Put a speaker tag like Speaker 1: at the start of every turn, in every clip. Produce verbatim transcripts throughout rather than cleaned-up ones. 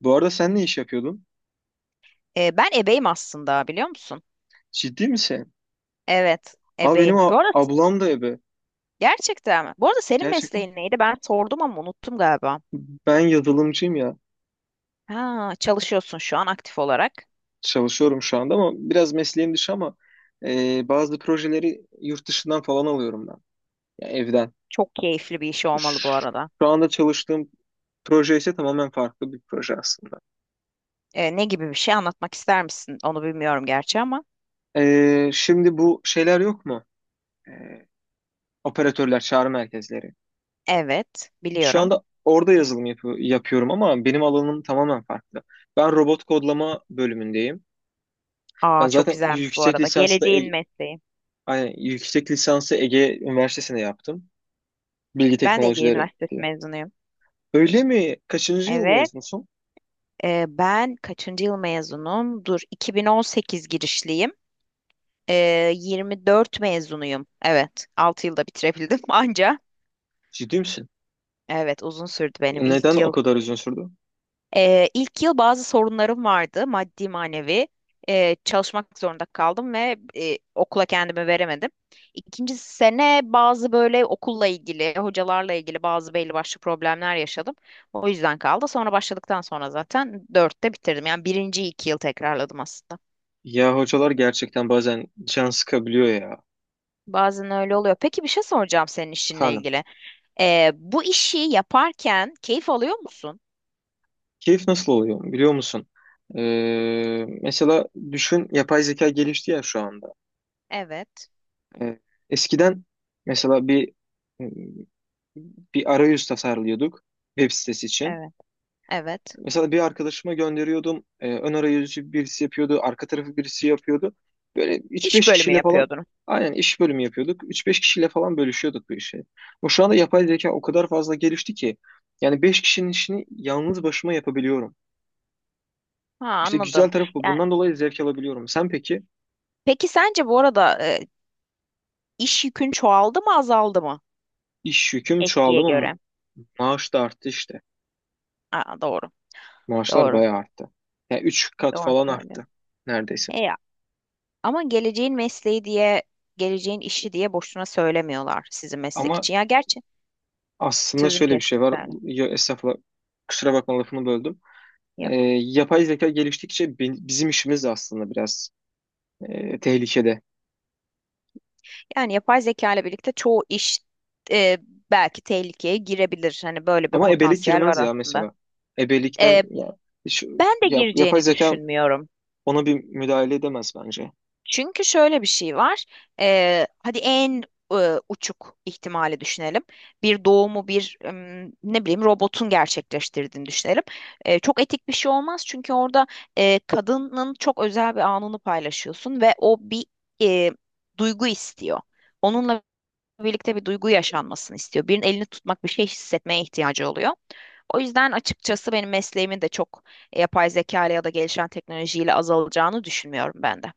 Speaker 1: Bu arada sen ne iş yapıyordun?
Speaker 2: E, ben ebeyim aslında, biliyor musun?
Speaker 1: Ciddi misin?
Speaker 2: Evet,
Speaker 1: Abi benim
Speaker 2: ebeyim.
Speaker 1: a-
Speaker 2: Bu arada
Speaker 1: ablam da ebe.
Speaker 2: gerçekten mi? Bu arada senin
Speaker 1: Gerçekten.
Speaker 2: mesleğin neydi? Ben sordum ama unuttum galiba.
Speaker 1: Ben yazılımcıyım ya.
Speaker 2: Ha, çalışıyorsun şu an aktif olarak.
Speaker 1: Çalışıyorum şu anda ama biraz mesleğim dışı ama e, bazı projeleri yurt dışından falan alıyorum ben. Ya evden.
Speaker 2: Çok keyifli bir iş olmalı bu
Speaker 1: Ş-
Speaker 2: arada.
Speaker 1: Şu anda çalıştığım proje ise tamamen farklı bir proje aslında.
Speaker 2: E, ne gibi bir şey, anlatmak ister misin? Onu bilmiyorum gerçi ama.
Speaker 1: E, şimdi bu şeyler yok mu? E, Operatörler, çağrı merkezleri.
Speaker 2: Evet,
Speaker 1: Şu
Speaker 2: biliyorum.
Speaker 1: anda orada yazılım yapı- yapıyorum ama benim alanım tamamen farklı. Ben robot kodlama bölümündeyim. Ben
Speaker 2: Aa, çok
Speaker 1: zaten
Speaker 2: güzelmiş bu
Speaker 1: yüksek
Speaker 2: arada.
Speaker 1: lisansı da Ege-
Speaker 2: Geleceğin mesleği.
Speaker 1: aynen, yüksek lisansı Ege Üniversitesi'ne yaptım. Bilgi
Speaker 2: Ben de Ege
Speaker 1: teknolojileri
Speaker 2: Üniversitesi
Speaker 1: diye.
Speaker 2: mezunuyum.
Speaker 1: Öyle mi? Kaçıncı yıl
Speaker 2: Evet,
Speaker 1: mezunusun?
Speaker 2: e, ben kaçıncı yıl mezunum? Dur, iki bin on sekiz girişliyim. Ee, yirmi dört mezunuyum. Evet, altı yılda bitirebildim anca.
Speaker 1: Ciddi misin?
Speaker 2: Evet, uzun sürdü benim
Speaker 1: Neden
Speaker 2: ilk
Speaker 1: o
Speaker 2: yıl.
Speaker 1: kadar uzun sürdü?
Speaker 2: Ee, ilk yıl bazı sorunlarım vardı, maddi manevi. Ee, çalışmak zorunda kaldım ve e, okula kendimi veremedim. İkinci sene bazı böyle okulla ilgili, hocalarla ilgili bazı belli başlı problemler yaşadım. O yüzden kaldı. Sonra başladıktan sonra zaten dörtte bitirdim. Yani birinci iki yıl tekrarladım aslında.
Speaker 1: Ya hocalar gerçekten bazen can sıkabiliyor ya.
Speaker 2: Bazen öyle oluyor. Peki, bir şey soracağım senin işinle
Speaker 1: Efendim,
Speaker 2: ilgili. Ee, bu işi yaparken keyif alıyor musun?
Speaker 1: keyif nasıl oluyor biliyor musun? Ee, mesela düşün yapay zeka gelişti ya şu anda.
Speaker 2: Evet,
Speaker 1: Ee, eskiden mesela bir bir arayüz tasarlıyorduk web sitesi için.
Speaker 2: evet, evet.
Speaker 1: Mesela bir arkadaşıma gönderiyordum. E, ön arayüzü birisi yapıyordu. Arka tarafı birisi yapıyordu. Böyle üç
Speaker 2: İş
Speaker 1: beş
Speaker 2: bölümü
Speaker 1: kişiyle falan
Speaker 2: yapıyordun.
Speaker 1: aynen iş bölümü yapıyorduk. Üç beş kişiyle falan bölüşüyorduk bu işi. Bu şu anda yapay zeka o kadar fazla gelişti ki yani beş kişinin işini yalnız başıma yapabiliyorum.
Speaker 2: Ha,
Speaker 1: İşte
Speaker 2: anladım.
Speaker 1: güzel tarafı bu.
Speaker 2: Yani
Speaker 1: Bundan dolayı zevk alabiliyorum. Sen peki
Speaker 2: peki sence bu arada e, iş yükün çoğaldı mı azaldı mı
Speaker 1: iş yüküm
Speaker 2: eskiye
Speaker 1: çoğaldı mı?
Speaker 2: göre?
Speaker 1: Maaş da arttı işte.
Speaker 2: Aa, doğru,
Speaker 1: Maaşlar
Speaker 2: doğru,
Speaker 1: bayağı arttı. Yani üç kat
Speaker 2: doğru
Speaker 1: falan
Speaker 2: söylüyorsun.
Speaker 1: arttı neredeyse.
Speaker 2: E ya, ama geleceğin mesleği diye, geleceğin işi diye boşuna söylemiyorlar sizin meslek
Speaker 1: Ama
Speaker 2: için. Ya gerçi
Speaker 1: Aslında
Speaker 2: sözünü
Speaker 1: şöyle bir şey
Speaker 2: kestim
Speaker 1: var.
Speaker 2: sen.
Speaker 1: Ya, estağfurullah. Kusura bakma lafını böldüm. Ee,
Speaker 2: Yok.
Speaker 1: yapay zeka geliştikçe bi- bizim işimiz de aslında biraz e, tehlikede.
Speaker 2: Yani yapay zeka ile birlikte çoğu iş e, belki tehlikeye girebilir. Hani böyle bir
Speaker 1: Ama ebelik
Speaker 2: potansiyel var
Speaker 1: girmez ya
Speaker 2: aslında.
Speaker 1: mesela. Ebelikten
Speaker 2: E,
Speaker 1: ya, şu,
Speaker 2: Ben de
Speaker 1: ya- yapay
Speaker 2: gireceğini
Speaker 1: zeka
Speaker 2: düşünmüyorum.
Speaker 1: ona bir müdahale edemez bence.
Speaker 2: Çünkü şöyle bir şey var. E, hadi en e, uçuk ihtimali düşünelim. Bir doğumu, bir em, ne bileyim, robotun gerçekleştirdiğini düşünelim. E, çok etik bir şey olmaz, çünkü orada e, kadının çok özel bir anını paylaşıyorsun ve o bir e, duygu istiyor. Onunla birlikte bir duygu yaşanmasını istiyor. Birinin elini tutmak, bir şey hissetmeye ihtiyacı oluyor. O yüzden açıkçası benim mesleğimin de çok e, yapay zeka ile ya da gelişen teknolojiyle azalacağını düşünmüyorum ben de.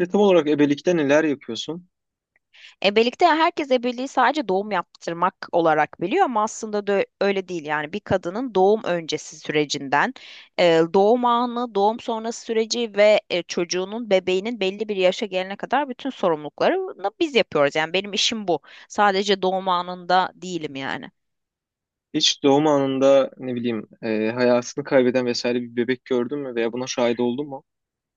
Speaker 1: Ve tam olarak ebelikte neler yapıyorsun?
Speaker 2: Ebelikte herkes ebeliği sadece doğum yaptırmak olarak biliyor, ama aslında da öyle değil. Yani bir kadının doğum öncesi sürecinden e, doğum anı, doğum sonrası süreci ve e, çocuğunun, bebeğinin belli bir yaşa gelene kadar bütün sorumluluklarını biz yapıyoruz. Yani benim işim bu. Sadece doğum anında değilim yani.
Speaker 1: Hiç doğum anında ne bileyim e, hayatını kaybeden vesaire bir bebek gördün mü veya buna şahit oldun mu?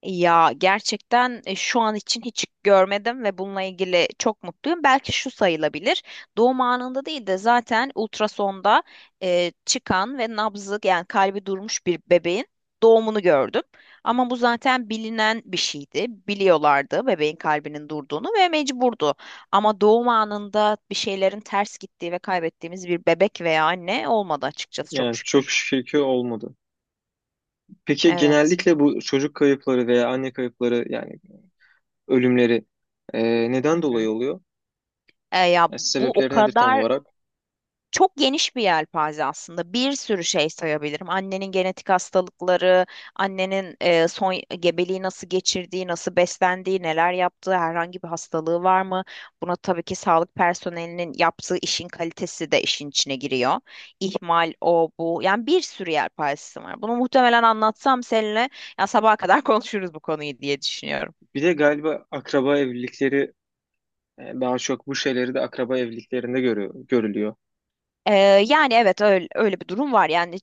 Speaker 2: Ya gerçekten e, şu an için hiç görmedim ve bununla ilgili çok mutluyum. Belki şu sayılabilir. Doğum anında değil de zaten ultrasonda e, çıkan ve nabzı yani kalbi durmuş bir bebeğin doğumunu gördüm. Ama bu zaten bilinen bir şeydi. Biliyorlardı bebeğin kalbinin durduğunu ve mecburdu. Ama doğum anında bir şeylerin ters gittiği ve kaybettiğimiz bir bebek veya anne olmadı açıkçası, çok
Speaker 1: Yani çok
Speaker 2: şükür.
Speaker 1: şükür ki olmadı. Peki
Speaker 2: Evet.
Speaker 1: genellikle bu çocuk kayıpları veya anne kayıpları yani ölümleri e,
Speaker 2: Hı
Speaker 1: neden dolayı
Speaker 2: hı.
Speaker 1: oluyor?
Speaker 2: E, ya
Speaker 1: Yani
Speaker 2: bu o
Speaker 1: sebepleri nedir tam
Speaker 2: kadar
Speaker 1: olarak?
Speaker 2: Çok geniş bir yelpaze aslında. Bir sürü şey sayabilirim. Annenin genetik hastalıkları, annenin e, son gebeliği nasıl geçirdiği, nasıl beslendiği, neler yaptığı, herhangi bir hastalığı var mı? Buna tabii ki sağlık personelinin yaptığı işin kalitesi de işin içine giriyor. İhmal, o, bu. Yani bir sürü yelpazesi var. Bunu muhtemelen anlatsam seninle ya sabaha kadar konuşuruz bu konuyu diye düşünüyorum.
Speaker 1: Bir de galiba akraba evlilikleri e, daha çok bu şeyleri de akraba evliliklerinde görüyor, görülüyor.
Speaker 2: Ee, Yani evet, öyle, öyle bir durum var. Yani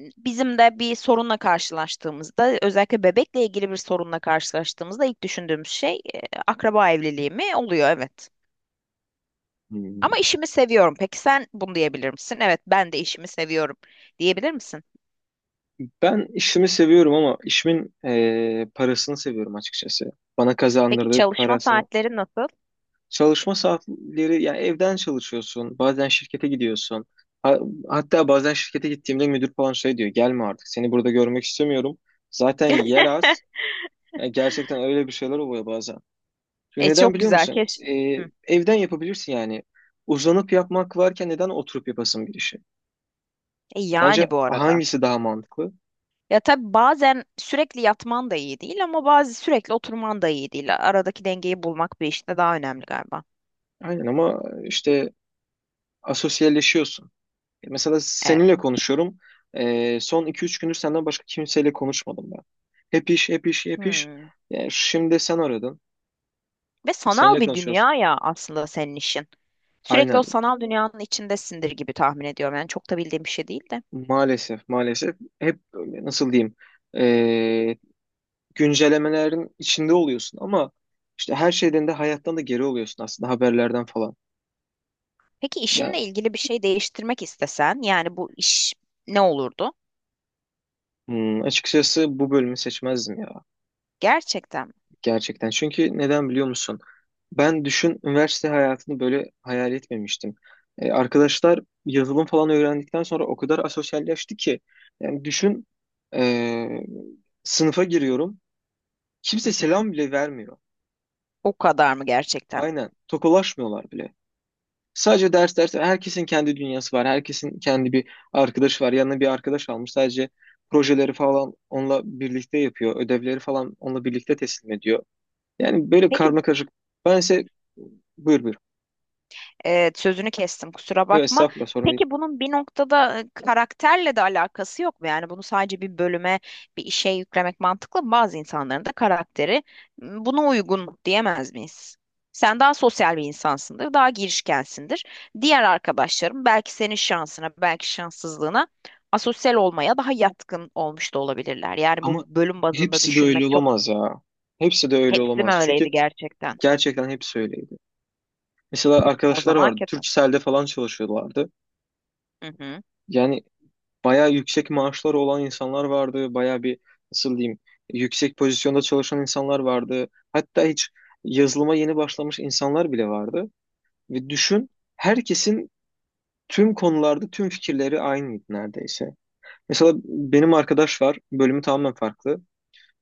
Speaker 2: bizim de bir sorunla karşılaştığımızda, özellikle bebekle ilgili bir sorunla karşılaştığımızda ilk düşündüğümüz şey e, akraba evliliği mi oluyor? Evet.
Speaker 1: Hmm.
Speaker 2: Ama işimi seviyorum. Peki sen bunu diyebilir misin? Evet, ben de işimi seviyorum diyebilir misin?
Speaker 1: Ben işimi seviyorum ama işimin e, parasını seviyorum açıkçası. Bana
Speaker 2: Peki
Speaker 1: kazandırdığı
Speaker 2: çalışma
Speaker 1: parasını.
Speaker 2: saatleri nasıl?
Speaker 1: Çalışma saatleri yani evden çalışıyorsun, bazen şirkete gidiyorsun. Ha- hatta bazen şirkete gittiğimde müdür falan şey diyor, gelme artık seni burada görmek istemiyorum. Zaten yer az. E, gerçekten öyle bir şeyler oluyor bazen. Çünkü
Speaker 2: E
Speaker 1: neden
Speaker 2: çok
Speaker 1: biliyor
Speaker 2: güzel
Speaker 1: musun?
Speaker 2: keş.
Speaker 1: Ee,
Speaker 2: Hı.
Speaker 1: evden yapabilirsin yani. Uzanıp yapmak varken neden oturup yapasın bir işi?
Speaker 2: E,
Speaker 1: Sence
Speaker 2: yani bu arada.
Speaker 1: hangisi daha mantıklı?
Speaker 2: Ya tabii bazen sürekli yatman da iyi değil, ama bazı sürekli oturman da iyi değil. Aradaki dengeyi bulmak bir işte daha önemli galiba.
Speaker 1: Aynen ama işte asosyalleşiyorsun. E, mesela
Speaker 2: Evet.
Speaker 1: seninle konuşuyorum. Ee, son iki üç gündür senden başka kimseyle konuşmadım ben. Hep iş, hep iş, hep iş.
Speaker 2: Hmm.
Speaker 1: Yani şimdi sen aradın.
Speaker 2: Ve sanal
Speaker 1: Seninle
Speaker 2: bir
Speaker 1: konuşuyoruz.
Speaker 2: dünya ya aslında senin işin. Sürekli
Speaker 1: Aynen.
Speaker 2: o sanal dünyanın içindesindir gibi tahmin ediyorum. Yani çok da bildiğim bir şey değil de.
Speaker 1: Maalesef, maalesef. Hep nasıl diyeyim? Ee, güncellemelerin içinde oluyorsun ama işte her şeyden de hayattan da geri oluyorsun aslında haberlerden falan.
Speaker 2: Peki işinle
Speaker 1: Yani
Speaker 2: ilgili bir şey değiştirmek istesen, yani bu iş ne olurdu?
Speaker 1: hmm, açıkçası bu bölümü seçmezdim ya
Speaker 2: Gerçekten mi?
Speaker 1: gerçekten. Çünkü neden biliyor musun? Ben düşün üniversite hayatını böyle hayal etmemiştim. E, arkadaşlar yazılım falan öğrendikten sonra o kadar asosyalleşti ki yani düşün e, sınıfa giriyorum
Speaker 2: Hı
Speaker 1: kimse
Speaker 2: hı.
Speaker 1: selam bile vermiyor.
Speaker 2: O kadar mı gerçekten?
Speaker 1: Aynen tokalaşmıyorlar bile. Sadece ders ders. Herkesin kendi dünyası var. Herkesin kendi bir arkadaşı var. Yanına bir arkadaş almış. Sadece projeleri falan onunla birlikte yapıyor. Ödevleri falan onunla birlikte teslim ediyor. Yani böyle
Speaker 2: Peki.
Speaker 1: karma karışık. Ben ise buyur buyur.
Speaker 2: Evet, sözünü kestim, kusura
Speaker 1: Yok
Speaker 2: bakma.
Speaker 1: estağfurullah sorun değil.
Speaker 2: Peki bunun bir noktada e, karakterle de alakası yok mu? Yani bunu sadece bir bölüme, bir işe yüklemek mantıklı mı? Bazı insanların da karakteri m, buna uygun diyemez miyiz? Sen daha sosyal bir insansındır, daha girişkensindir. Diğer arkadaşlarım belki senin şansına, belki şanssızlığına, asosyal olmaya daha yatkın olmuş da olabilirler. Yani bu
Speaker 1: Ama
Speaker 2: bölüm bazında
Speaker 1: hepsi de öyle
Speaker 2: düşünmek çok...
Speaker 1: olamaz ya. Hepsi de öyle
Speaker 2: Hepsi mi
Speaker 1: olamaz. Çünkü
Speaker 2: öyleydi gerçekten?
Speaker 1: gerçekten hepsi öyleydi. Mesela
Speaker 2: O
Speaker 1: arkadaşlar
Speaker 2: zaman
Speaker 1: vardı.
Speaker 2: kötü.
Speaker 1: Turkcell'de falan çalışıyorlardı.
Speaker 2: Hı hı.
Speaker 1: Yani bayağı yüksek maaşları olan insanlar vardı. Bayağı bir nasıl diyeyim yüksek pozisyonda çalışan insanlar vardı. Hatta hiç yazılıma yeni başlamış insanlar bile vardı. Ve düşün herkesin tüm konularda tüm fikirleri aynıydı neredeyse. Mesela benim arkadaş var. Bölümü tamamen farklı.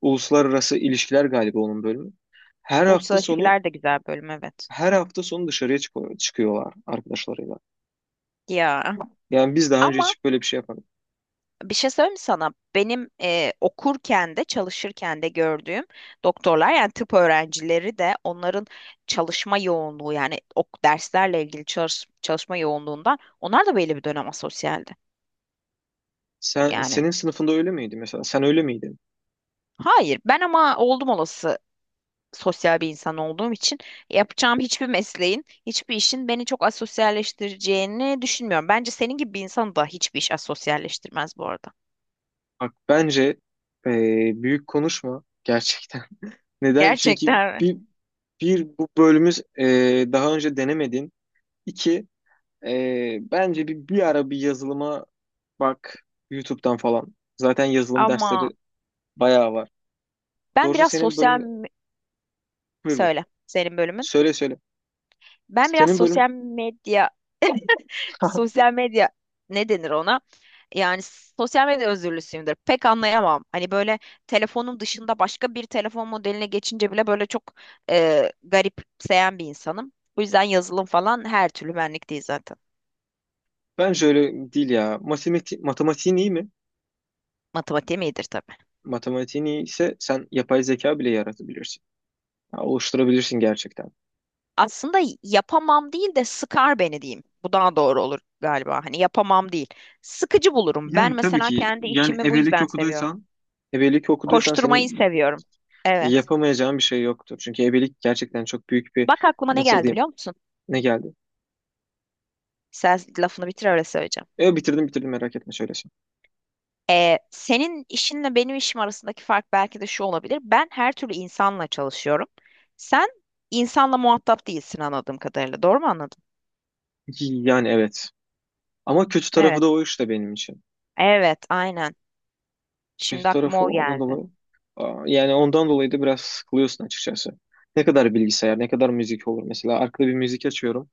Speaker 1: Uluslararası ilişkiler galiba onun bölümü. Her hafta
Speaker 2: Uluslararası
Speaker 1: sonu
Speaker 2: ilişkiler de güzel bölüm, evet.
Speaker 1: her hafta sonu dışarıya çıkıyor, çıkıyorlar arkadaşlarıyla.
Speaker 2: Ya
Speaker 1: Yani biz daha önce
Speaker 2: ama
Speaker 1: hiç böyle bir şey yapmadık.
Speaker 2: bir şey söyleyeyim mi sana? Benim e, okurken de çalışırken de gördüğüm doktorlar, yani tıp öğrencileri de, onların çalışma yoğunluğu, yani ok derslerle ilgili çalış- çalışma yoğunluğundan onlar da belli bir dönem asosyaldi.
Speaker 1: Sen,
Speaker 2: Yani
Speaker 1: senin sınıfında öyle miydi mesela? Sen öyle miydin?
Speaker 2: hayır, ben ama oldum olası sosyal bir insan olduğum için yapacağım hiçbir mesleğin, hiçbir işin beni çok asosyalleştireceğini düşünmüyorum. Bence senin gibi bir insanı da hiçbir iş asosyalleştirmez bu arada.
Speaker 1: Bak bence eee, büyük konuşma gerçekten. Neden? Çünkü
Speaker 2: Gerçekten mi?
Speaker 1: bir, bir bu bölümümüz eee, daha önce denemedin. İki eee, bence bir, bir ara bir yazılıma bak YouTube'dan falan. Zaten yazılım
Speaker 2: Ama
Speaker 1: dersleri bayağı var.
Speaker 2: Ben
Speaker 1: Doğrusu
Speaker 2: biraz
Speaker 1: senin
Speaker 2: sosyal
Speaker 1: bölüm
Speaker 2: me-
Speaker 1: buyur buyur.
Speaker 2: söyle senin bölümün.
Speaker 1: Söyle söyle.
Speaker 2: Ben biraz
Speaker 1: Senin bölüm
Speaker 2: sosyal medya sosyal medya, ne denir ona? Yani sosyal medya özürlüsüyümdür. Pek anlayamam. Hani böyle telefonum dışında başka bir telefon modeline geçince bile böyle çok e, garipseyen bir insanım. Bu yüzden yazılım falan her türlü benlik değil zaten.
Speaker 1: bence öyle değil ya. Matemati matematiğin iyi mi?
Speaker 2: Matematiğim iyidir tabii.
Speaker 1: Matematiğin iyi ise sen yapay zeka bile yaratabilirsin. Ya, oluşturabilirsin gerçekten.
Speaker 2: Aslında yapamam değil de, sıkar beni diyeyim. Bu daha doğru olur galiba. Hani yapamam değil. Sıkıcı bulurum.
Speaker 1: Yani
Speaker 2: Ben
Speaker 1: tabii
Speaker 2: mesela
Speaker 1: ki
Speaker 2: kendi
Speaker 1: yani
Speaker 2: işimi bu
Speaker 1: ebelik
Speaker 2: yüzden seviyorum.
Speaker 1: okuduysan ebelik okuduysan
Speaker 2: Koşturmayı
Speaker 1: seni
Speaker 2: seviyorum. Evet.
Speaker 1: yapamayacağın bir şey yoktur. Çünkü ebelik gerçekten çok büyük bir
Speaker 2: Bak aklıma ne
Speaker 1: nasıl
Speaker 2: geldi
Speaker 1: diyeyim
Speaker 2: biliyor musun?
Speaker 1: ne geldi?
Speaker 2: Sen lafını bitir, öyle söyleyeceğim.
Speaker 1: E bitirdim bitirdim merak etme şöyle şey.
Speaker 2: Ee, senin işinle benim işim arasındaki fark belki de şu olabilir. Ben her türlü insanla çalışıyorum. Sen insanla muhatap değilsin anladığım kadarıyla. Doğru mu anladım?
Speaker 1: Yani evet. Ama kötü tarafı
Speaker 2: Evet.
Speaker 1: da o işte benim için.
Speaker 2: Evet, aynen.
Speaker 1: Kötü
Speaker 2: Şimdi
Speaker 1: tarafı
Speaker 2: aklıma
Speaker 1: o,
Speaker 2: o
Speaker 1: ondan
Speaker 2: geldi.
Speaker 1: dolayı. Aa, yani ondan dolayı da biraz sıkılıyorsun açıkçası. Ne kadar bilgisayar, ne kadar müzik olur. Mesela arkada bir müzik açıyorum.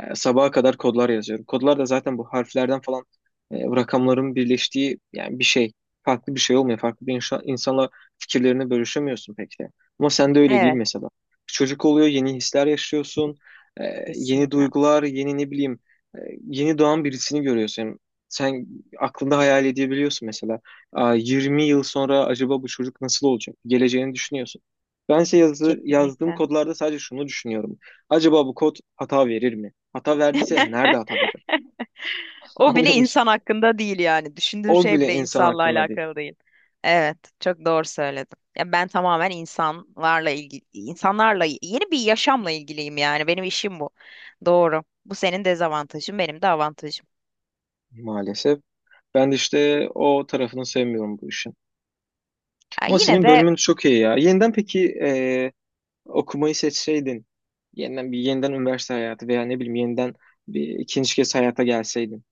Speaker 1: Ee, sabaha kadar kodlar yazıyorum. Kodlar da zaten bu harflerden falan e, rakamların birleştiği yani bir şey. Farklı bir şey olmuyor. Farklı bir inşa- insanla fikirlerini bölüşemiyorsun pek de. Ama sende öyle değil
Speaker 2: Evet,
Speaker 1: mesela. Çocuk oluyor, yeni hisler yaşıyorsun. Ee, yeni
Speaker 2: kesinlikle.
Speaker 1: duygular, yeni ne bileyim, e, yeni doğan birisini görüyorsun. Sen aklında hayal edebiliyorsun mesela. Aa, yirmi yıl sonra acaba bu çocuk nasıl olacak? Geleceğini düşünüyorsun. Bense yazı, yazdığım
Speaker 2: Kesinlikle.
Speaker 1: kodlarda sadece şunu düşünüyorum. Acaba bu kod hata verir mi? Hata verdiyse nerede hata verir?
Speaker 2: O bile
Speaker 1: Anlıyor musun?
Speaker 2: insan hakkında değil yani. Düşündüğün
Speaker 1: O
Speaker 2: şey
Speaker 1: bile
Speaker 2: bile
Speaker 1: insan
Speaker 2: insanla
Speaker 1: hakkında değil
Speaker 2: alakalı değil. Evet, çok doğru söyledim. Ya ben tamamen insanlarla ilgili, insanlarla yeni bir yaşamla ilgiliyim yani. Benim işim bu. Doğru. Bu senin dezavantajın, benim de avantajım.
Speaker 1: maalesef. Ben de işte o tarafını sevmiyorum bu işin.
Speaker 2: Ya
Speaker 1: Ama
Speaker 2: yine
Speaker 1: senin
Speaker 2: de
Speaker 1: bölümün çok iyi ya. Yeniden peki e, okumayı seçseydin, yeniden bir yeniden üniversite hayatı veya ne bileyim yeniden bir ikinci kez hayata gelseydin,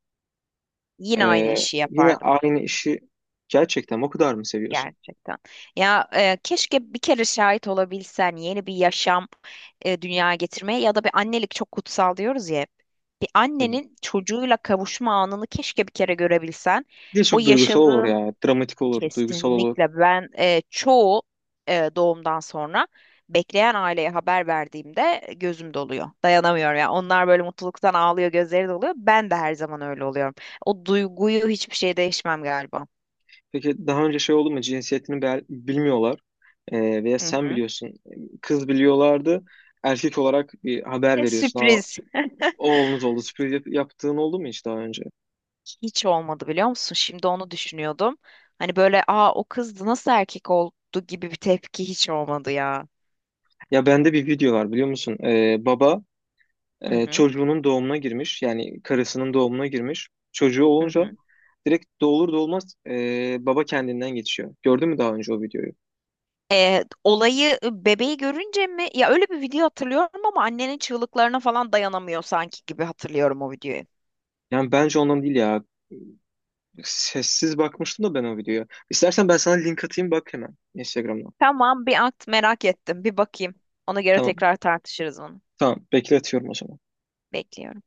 Speaker 2: yine aynı
Speaker 1: e,
Speaker 2: işi
Speaker 1: yine
Speaker 2: yapardım.
Speaker 1: aynı işi gerçekten o kadar mı seviyorsun?
Speaker 2: Gerçekten. Ya, e, keşke bir kere şahit olabilsen yeni bir yaşam e, dünyaya getirmeye, ya da bir annelik çok kutsal diyoruz ya hep. Bir
Speaker 1: Tabii.
Speaker 2: annenin çocuğuyla kavuşma anını keşke bir kere görebilsen.
Speaker 1: Bir de
Speaker 2: O
Speaker 1: çok duygusal olur
Speaker 2: yaşadığın
Speaker 1: ya. Dramatik olur, duygusal olur.
Speaker 2: kesinlikle, ben e, çoğu e, doğumdan sonra bekleyen aileye haber verdiğimde gözüm doluyor. Dayanamıyorum ya. Onlar böyle mutluluktan ağlıyor, gözleri doluyor. Ben de her zaman öyle oluyorum. O duyguyu hiçbir şey değişmem galiba.
Speaker 1: Peki daha önce şey oldu mu? Cinsiyetini bel- bilmiyorlar. Ee, veya
Speaker 2: Hı
Speaker 1: sen
Speaker 2: hı.
Speaker 1: biliyorsun. Kız biliyorlardı. Erkek olarak bir haber
Speaker 2: E,
Speaker 1: veriyorsun. Aa,
Speaker 2: sürpriz.
Speaker 1: oğlunuz oldu. Sürpriz yap- yaptığın oldu mu hiç daha önce?
Speaker 2: Hiç olmadı biliyor musun? Şimdi onu düşünüyordum. Hani böyle "aa o kızdı, nasıl erkek oldu" gibi bir tepki hiç olmadı ya.
Speaker 1: Ya bende bir video var biliyor musun? Ee, baba
Speaker 2: Hı
Speaker 1: e,
Speaker 2: hı.
Speaker 1: çocuğunun doğumuna girmiş. Yani karısının doğumuna girmiş. Çocuğu
Speaker 2: Hı
Speaker 1: olunca
Speaker 2: hı.
Speaker 1: direkt doğulur doğulmaz e, baba kendinden geçiyor. Gördün mü daha önce o videoyu?
Speaker 2: Ee, olayı Bebeği görünce mi? Ya öyle bir video hatırlıyorum ama annenin çığlıklarına falan dayanamıyor sanki gibi hatırlıyorum o videoyu.
Speaker 1: Yani bence ondan değil ya. Sessiz bakmıştım da ben o videoya. İstersen ben sana link atayım bak hemen Instagram'dan.
Speaker 2: Tamam, bir at, merak ettim. Bir bakayım. Ona göre
Speaker 1: Tamam.
Speaker 2: tekrar tartışırız onu.
Speaker 1: Tamam. Bekletiyorum o zaman.
Speaker 2: Bekliyorum.